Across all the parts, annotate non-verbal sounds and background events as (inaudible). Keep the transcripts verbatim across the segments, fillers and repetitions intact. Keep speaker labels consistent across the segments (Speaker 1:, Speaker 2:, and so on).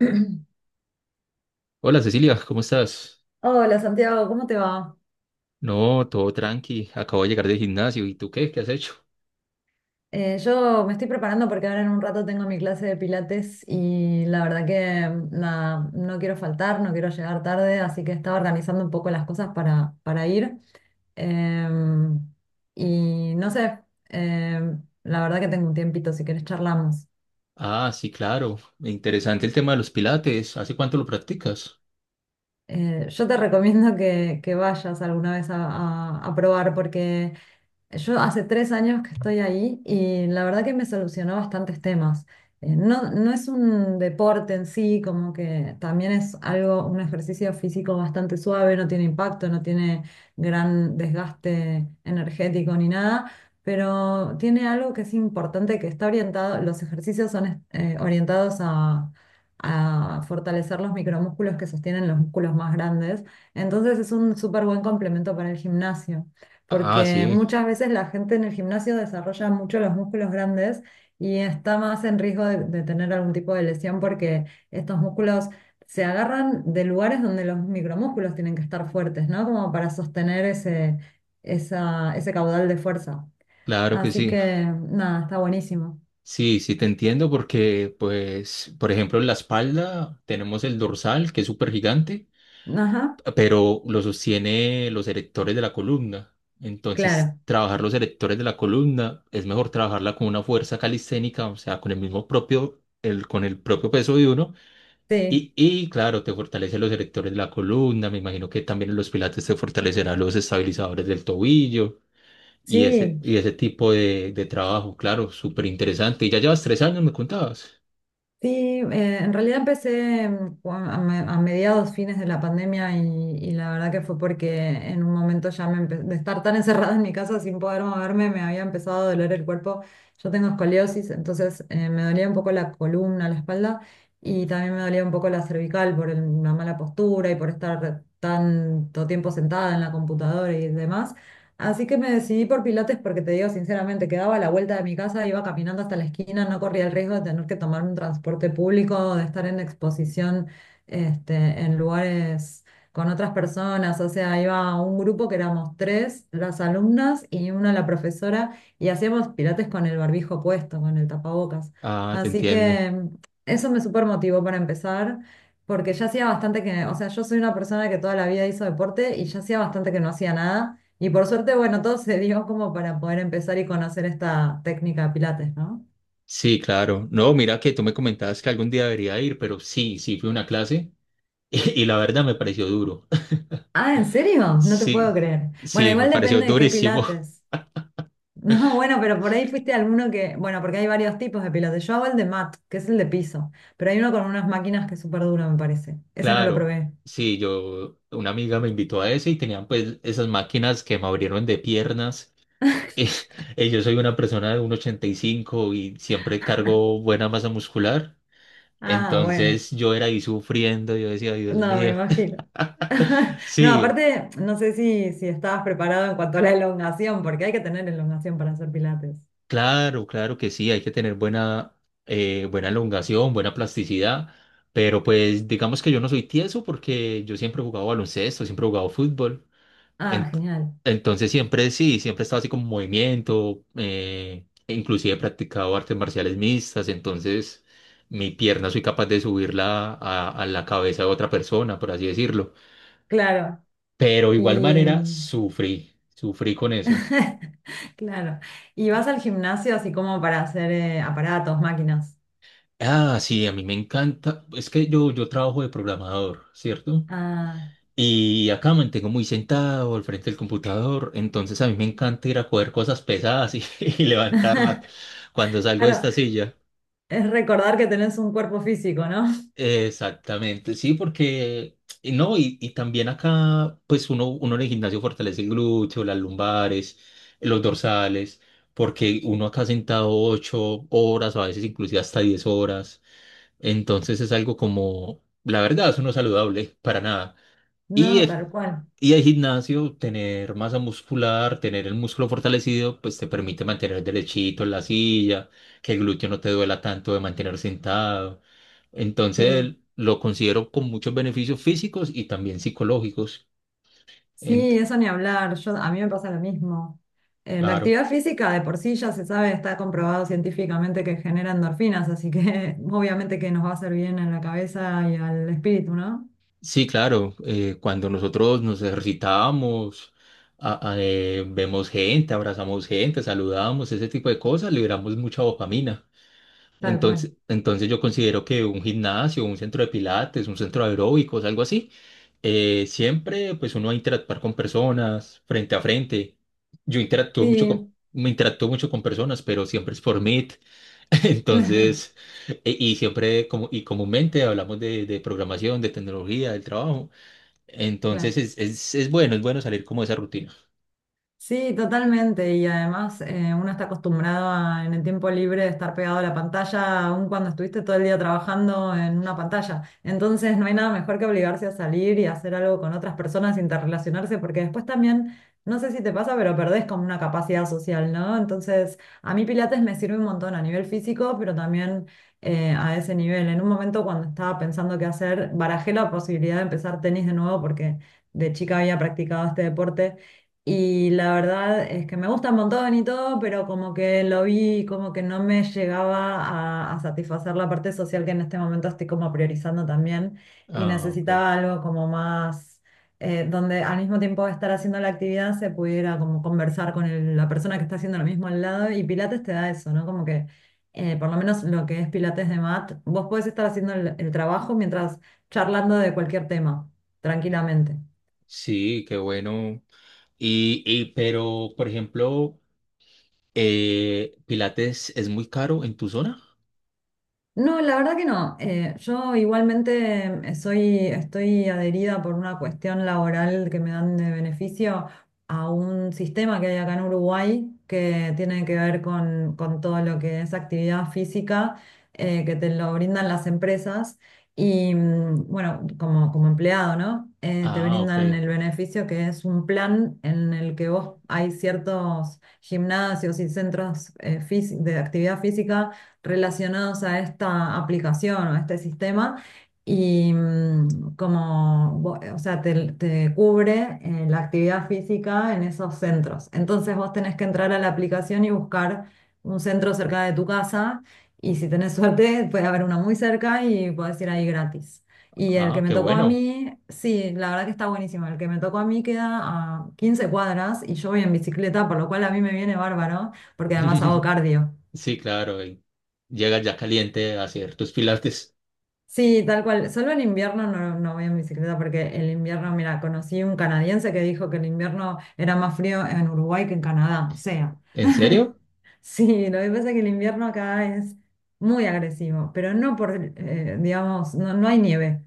Speaker 1: (clears throat)
Speaker 2: Hola Cecilia, ¿cómo estás?
Speaker 1: Hola Santiago, ¿cómo te va?
Speaker 2: No, todo tranqui. Acabo de llegar del gimnasio. ¿Y tú qué? ¿Qué has hecho?
Speaker 1: Eh, yo me estoy preparando porque ahora en un rato tengo mi clase de pilates y la verdad que nada, no quiero faltar, no quiero llegar tarde, así que estaba organizando un poco las cosas para, para ir. Em, y no sé, em, la verdad que tengo un tiempito, si querés charlamos.
Speaker 2: Ah, sí, claro. Interesante el tema de los pilates. ¿Hace cuánto lo practicas?
Speaker 1: Eh, yo te (laughs) recomiendo que, que vayas alguna vez a, a- a probar porque yo hace tres años que estoy ahí y la verdad que me solucionó bastantes temas. Eh, no, no es un deporte en sí, como que también es algo, un ejercicio físico bastante suave, no tiene impacto, no tiene gran desgaste energético ni nada, pero tiene algo que es importante, que está orientado, los ejercicios son eh, orientados a, a fortalecer los micromúsculos que sostienen los músculos más grandes, entonces es un súper buen complemento para el gimnasio
Speaker 2: Ah,
Speaker 1: porque
Speaker 2: sí,
Speaker 1: muchas veces la gente en el gimnasio desarrolla mucho los músculos grandes y está más en riesgo de, de tener algún tipo de lesión porque estos músculos se agarran de lugares donde los micromúsculos tienen que estar fuertes, ¿no? Como para sostener ese, esa- ese caudal de fuerza.
Speaker 2: claro que
Speaker 1: Así
Speaker 2: sí.
Speaker 1: que nada, está buenísimo.
Speaker 2: Sí, sí, te entiendo porque, pues, por ejemplo, en la espalda tenemos el dorsal, que es súper gigante,
Speaker 1: Ajá,
Speaker 2: pero lo sostiene los erectores de la columna. Entonces,
Speaker 1: claro,
Speaker 2: trabajar los erectores de la columna es mejor trabajarla con una fuerza calisténica, o sea, con el mismo propio, el, con el propio peso de uno.
Speaker 1: sí,
Speaker 2: Y, y claro, te fortalece los erectores de la columna, me imagino que también en los pilates te fortalecerán los estabilizadores del tobillo y ese,
Speaker 1: sí.
Speaker 2: y ese tipo de, de trabajo, claro, súper interesante. Y ya llevas tres años, me contabas.
Speaker 1: Sí, eh, en realidad empecé mm, cu- a, me- a mediados, fines de la pandemia y, y la verdad que fue porque en un momento ya me empe- de estar tan encerrada en mi casa sin poder moverme, me había empezado a doler el cuerpo. Yo tengo escoliosis, entonces eh, me dolía un poco la columna, la espalda y también me dolía un poco la cervical por el- una mala postura y por estar tanto tiempo sentada en la computadora y demás. Así que me decidí por Pilates porque te digo sinceramente, quedaba a la vuelta de mi casa, iba caminando hasta la esquina, no corría el riesgo de tener que tomar un transporte público, de estar en exposición este, en lugares con otras personas. O sea, iba a un grupo que éramos tres, las alumnas y una la profesora, y hacíamos Pilates con el barbijo puesto, con el tapabocas.
Speaker 2: Ah, te
Speaker 1: Así
Speaker 2: entiendo.
Speaker 1: que eso me super motivó para empezar. Porque ya hacía bastante que, o sea, yo soy una persona que toda la vida hizo deporte y ya hacía bastante que no hacía nada. Y por suerte, bueno, todo se dio como para poder empezar y conocer esta técnica de pilates, ¿no?
Speaker 2: Sí, claro. No, mira que tú me comentabas que algún día debería ir, pero sí, sí fui a una clase (laughs) y, y la verdad me pareció duro. (laughs)
Speaker 1: Ah, ¿en serio? No te puedo
Speaker 2: Sí,
Speaker 1: creer. Bueno,
Speaker 2: sí, me
Speaker 1: igual
Speaker 2: pareció
Speaker 1: depende de qué
Speaker 2: durísimo.
Speaker 1: pilates. (laughs) No, bueno, pero por ahí fuiste a alguno que, bueno, porque hay varios tipos de pilates. Yo hago el de mat, que es el de piso, pero hay uno con unas máquinas que es súper duro, me parece.
Speaker 2: (laughs)
Speaker 1: Ese no lo
Speaker 2: Claro,
Speaker 1: probé.
Speaker 2: sí, yo, una amiga me invitó a ese y tenían pues esas máquinas que me abrieron de piernas. (laughs) Eh, eh, yo soy una persona de uno metro ochenta y cinco y cinco y siempre cargo buena masa muscular.
Speaker 1: Ah, bueno.
Speaker 2: Entonces yo era ahí sufriendo, yo decía, Dios
Speaker 1: No, me
Speaker 2: mío.
Speaker 1: imagino. (laughs)
Speaker 2: (laughs)
Speaker 1: No,
Speaker 2: Sí,
Speaker 1: aparte, no sé si, si estabas preparado en cuanto a la elongación, porque hay que tener elongación para hacer pilates.
Speaker 2: claro, claro que sí, hay que tener buena, eh, buena elongación, buena plasticidad, pero pues digamos que yo no soy tieso porque yo siempre he jugado baloncesto, siempre he jugado fútbol.
Speaker 1: Ah,
Speaker 2: En-
Speaker 1: genial.
Speaker 2: entonces siempre sí, siempre he estado así como en movimiento, eh, e inclusive he practicado artes marciales mixtas, entonces mi pierna soy capaz de subirla a, a la cabeza de otra persona, por así decirlo.
Speaker 1: Claro.
Speaker 2: Pero de igual
Speaker 1: Y,
Speaker 2: manera sufrí, sufrí con eso.
Speaker 1: (laughs) claro. ¿Y vas al gimnasio así como para hacer eh, aparatos, máquinas?
Speaker 2: Ah, sí, a mí me encanta, es que yo, yo trabajo de programador, ¿cierto?
Speaker 1: Ah,
Speaker 2: Y acá me mantengo muy sentado al frente del computador, entonces a mí me encanta ir a coger cosas pesadas y, (laughs) y levantarlas cuando salgo de
Speaker 1: claro,
Speaker 2: esta silla.
Speaker 1: es recordar que tenés un cuerpo físico, ¿no? (laughs)
Speaker 2: Exactamente, sí, porque y no, y, y también acá, pues uno, uno en el gimnasio fortalece el glúteo, las lumbares, los dorsales, porque uno acá sentado ocho horas, a veces inclusive hasta diez horas. Entonces es algo como, la verdad, eso no es saludable para nada. Y
Speaker 1: No,
Speaker 2: el,
Speaker 1: tal cual.
Speaker 2: y el gimnasio, tener masa muscular, tener el músculo fortalecido, pues te permite mantener derechito en la silla, que el glúteo no te duela tanto de mantener sentado.
Speaker 1: Sí.
Speaker 2: Entonces lo considero con muchos beneficios físicos y también psicológicos.
Speaker 1: Sí,
Speaker 2: Ent-
Speaker 1: eso ni hablar. Yo, a mí me pasa lo mismo. Eh, la
Speaker 2: claro.
Speaker 1: actividad física de por sí ya se sabe, está comprobado científicamente que genera endorfinas, así que (laughs) obviamente que nos va a hacer bien en la cabeza y al espíritu, ¿no?
Speaker 2: Sí, claro. Eh, cuando nosotros nos ejercitamos, a- a- eh, vemos gente, abrazamos gente, saludamos, ese tipo de cosas, liberamos mucha dopamina.
Speaker 1: Tal cual.
Speaker 2: Entonces, entonces yo considero que un gimnasio, un centro de pilates, un centro de aeróbicos, algo así, eh, siempre pues uno va a interactuar con personas frente a frente. Yo interactúo mucho con,
Speaker 1: Sí,
Speaker 2: me interactúo mucho con personas, pero siempre es por mí. (laughs)
Speaker 1: (laughs) claro,
Speaker 2: Entonces, e- y siempre como, y comúnmente hablamos de, de programación, de tecnología, del trabajo. Entonces
Speaker 1: claro.
Speaker 2: es, es, es bueno, es bueno salir como de esa rutina.
Speaker 1: Sí, totalmente. Y además eh, uno está acostumbrado a, en el tiempo libre de estar pegado a la pantalla, aun cuando estuviste todo el día trabajando en una pantalla. Entonces no hay nada mejor que obligarse a salir y hacer algo con otras personas, interrelacionarse, porque después también, no sé si te pasa, pero perdés como una capacidad social, ¿no? Entonces a mí Pilates me sirve un montón a nivel físico, pero también eh, a ese nivel. En un momento cuando estaba pensando qué hacer, barajé la posibilidad de empezar tenis de nuevo porque de chica había practicado este deporte. Y la verdad es que me gusta un montón y todo, pero como que lo vi, como que no me llegaba a, a satisfacer la parte social que en este momento estoy como priorizando también. Y
Speaker 2: Ah, ok.
Speaker 1: necesitaba algo como más, eh, donde al mismo tiempo de estar haciendo la actividad se pudiera como conversar con el- la persona que está haciendo lo mismo al lado. Y Pilates te da eso, ¿no? Como que, eh, por lo menos lo que es Pilates de mat, vos podés estar haciendo el el trabajo mientras charlando de cualquier tema, tranquilamente.
Speaker 2: Sí, qué bueno. Y, y pero, por ejemplo, eh, Pilates es muy caro en tu zona.
Speaker 1: No, la verdad que no. Eh, yo igualmente eh, soy, estoy adherida por una cuestión laboral que me dan de beneficio a un sistema que hay acá en Uruguay que tiene que ver con, con todo lo que es actividad física, eh, que te lo brindan las empresas y mm, bueno, como, como empleado, ¿no? Eh, te
Speaker 2: Ah, ok.
Speaker 1: brindan el beneficio que es un plan en el que vos hay ciertos gimnasios y centros eh, fisi- de actividad física relacionados a esta aplicación o a este sistema y mm, como, vo- o sea, te, te cubre eh, la actividad física en esos centros. Entonces vos tenés que entrar a la aplicación y buscar un centro cerca de tu casa y si tenés (laughs) suerte puede haber uno muy cerca y podés ir ahí gratis. Y el que
Speaker 2: Ah,
Speaker 1: me
Speaker 2: qué
Speaker 1: tocó a
Speaker 2: bueno.
Speaker 1: mí, sí, la verdad que está buenísimo. El que me tocó a mí queda a quince cuadras y yo voy en bicicleta, por lo cual a mí me viene bárbaro, porque además hago
Speaker 2: (laughs)
Speaker 1: cardio.
Speaker 2: Sí, claro. Y llegas ya caliente a hacer tus Pilates.
Speaker 1: Sí, tal cual. Solo en invierno no, no voy en bicicleta porque el invierno, mira, conocí un canadiense que dijo que el invierno era más frío en Uruguay que en Canadá. O sea,
Speaker 2: ¿En
Speaker 1: (laughs)
Speaker 2: serio?
Speaker 1: sí, lo que pasa es que el invierno acá es muy agresivo, pero no por, eh, digamos, no, no hay nieve,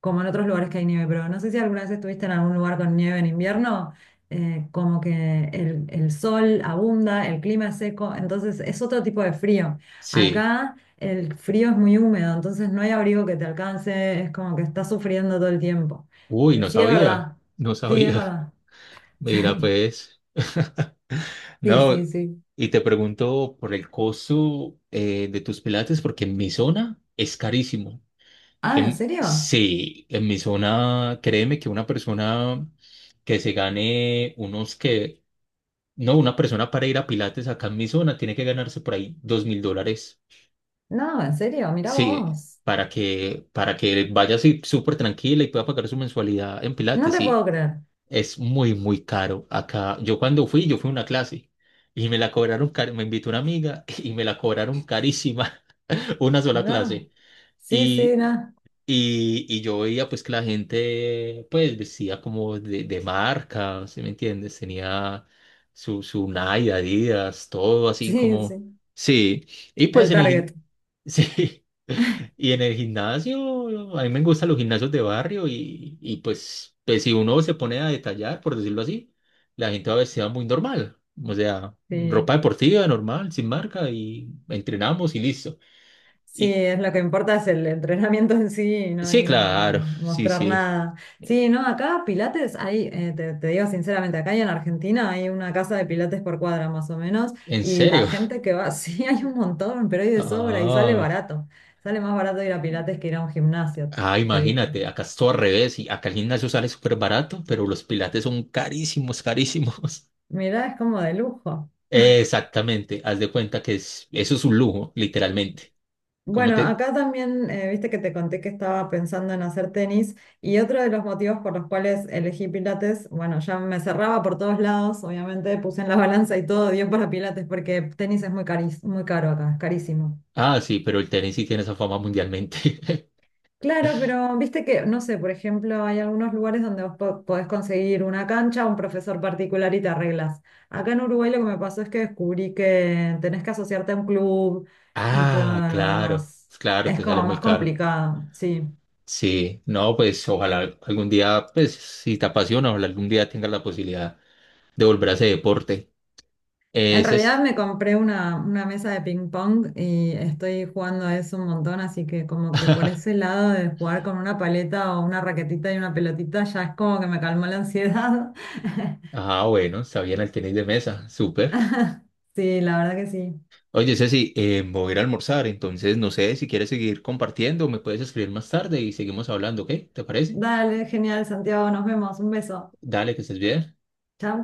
Speaker 1: como en otros lugares que hay nieve, pero no sé si alguna vez estuviste en algún lugar con nieve en invierno, eh, como que el, el sol abunda, el clima es seco, entonces es otro tipo de frío.
Speaker 2: Sí.
Speaker 1: Acá, el frío es muy húmedo, entonces no hay abrigo que te alcance, es como que estás sufriendo todo el tiempo.
Speaker 2: Uy,
Speaker 1: Eh,
Speaker 2: no
Speaker 1: sí, es
Speaker 2: sabía.
Speaker 1: verdad.
Speaker 2: No
Speaker 1: Sí, es
Speaker 2: sabía.
Speaker 1: verdad.
Speaker 2: Mira,
Speaker 1: (laughs)
Speaker 2: pues. (laughs)
Speaker 1: Sí,
Speaker 2: No,
Speaker 1: sí, sí. Sí.
Speaker 2: y te pregunto por el costo eh, de tus pilates, porque en mi zona es carísimo.
Speaker 1: Ah, ¿en
Speaker 2: En,
Speaker 1: serio?
Speaker 2: sí, en mi zona, créeme que una persona que se gane unos que, no, una persona para ir a pilates acá en mi zona tiene que ganarse por ahí dos mil dólares.
Speaker 1: No, en serio, mirá
Speaker 2: Sí,
Speaker 1: vos.
Speaker 2: para que, para que vaya así súper tranquila y pueda pagar su mensualidad en
Speaker 1: No
Speaker 2: pilates,
Speaker 1: te puedo
Speaker 2: sí.
Speaker 1: creer.
Speaker 2: Es muy, muy caro acá. Yo cuando fui, yo fui a una clase y me la cobraron, car- me invitó una amiga (laughs) y me la cobraron carísima, (laughs) una sola
Speaker 1: No,
Speaker 2: clase.
Speaker 1: sí, sí,
Speaker 2: Y,
Speaker 1: no.
Speaker 2: y, y yo veía pues que la gente pues vestía como de, de marca, ¿sí me entiendes? Tenía su, su Nike, Adidas, todo así
Speaker 1: Sí,
Speaker 2: como...
Speaker 1: sí.
Speaker 2: Sí, y pues
Speaker 1: El
Speaker 2: en el... gim-
Speaker 1: target.
Speaker 2: (laughs) Sí, y en el gimnasio, a mí me gustan los gimnasios de barrio y, y pues, pues si uno se pone a detallar, por decirlo así, la gente va vestida muy normal, o sea,
Speaker 1: Sí.
Speaker 2: ropa deportiva normal, sin marca y entrenamos y listo.
Speaker 1: Sí, es lo que importa es el entrenamiento en sí y no
Speaker 2: Sí,
Speaker 1: ir a
Speaker 2: claro, sí,
Speaker 1: mostrar
Speaker 2: sí.
Speaker 1: nada. Sí, no, acá Pilates hay, eh, te, te digo sinceramente, acá y en Argentina hay una casa de Pilates por cuadra más o menos
Speaker 2: ¿En
Speaker 1: y la
Speaker 2: serio? (laughs)
Speaker 1: gente que va, (laughs) sí, hay un montón, pero hay de sobra y sale
Speaker 2: Ah,
Speaker 1: barato. Sale más barato ir a Pilates que ir a un gimnasio,
Speaker 2: ah,
Speaker 1: te digo.
Speaker 2: imagínate, acá es todo al revés y acá el gimnasio sale súper barato, pero los pilates son carísimos, carísimos.
Speaker 1: Mirá, es como de lujo.
Speaker 2: (laughs) Exactamente, haz de cuenta que es, eso es un lujo, literalmente. Como
Speaker 1: Bueno,
Speaker 2: te...
Speaker 1: acá también, eh, viste que te conté que estaba pensando en hacer tenis y otro de los motivos por los cuales elegí Pilates, bueno, ya me cerraba por todos lados, obviamente puse en la (laughs) balanza y todo dio para Pilates porque tenis es muy cari- muy caro acá, es carísimo.
Speaker 2: Ah, sí, pero el tenis sí tiene esa fama mundialmente. (laughs)
Speaker 1: Claro, pero viste que, no sé, por ejemplo, hay algunos lugares donde vos po- podés conseguir una cancha, un profesor particular y te arreglas. Acá en Uruguay lo que me pasó es que descubrí que tenés que asociarte a un club y todo
Speaker 2: Ah,
Speaker 1: lo
Speaker 2: claro,
Speaker 1: demás.
Speaker 2: pues claro,
Speaker 1: Es
Speaker 2: te sale
Speaker 1: como
Speaker 2: muy
Speaker 1: más
Speaker 2: caro.
Speaker 1: complicado, sí.
Speaker 2: Sí, no, pues ojalá algún día, pues si te apasiona, ojalá algún día tengas la posibilidad de volver a ese deporte.
Speaker 1: En
Speaker 2: Ese
Speaker 1: realidad
Speaker 2: es.
Speaker 1: me compré una, una mesa de ping pong y estoy jugando a eso un montón, así que como que por
Speaker 2: (laughs)
Speaker 1: ese lado de jugar con una paleta o una raquetita y una pelotita ya es como que me calmó la ansiedad.
Speaker 2: Ah, bueno, está bien el tenis de mesa, súper.
Speaker 1: (laughs) Sí, la verdad que sí.
Speaker 2: Oye, Ceci, eh, me voy a ir a almorzar, entonces no sé si quieres seguir compartiendo, me puedes escribir más tarde y seguimos hablando, ¿ok? ¿Te parece?
Speaker 1: Dale, genial, Santiago, nos vemos. Un beso.
Speaker 2: Dale, que estés bien.
Speaker 1: Chao.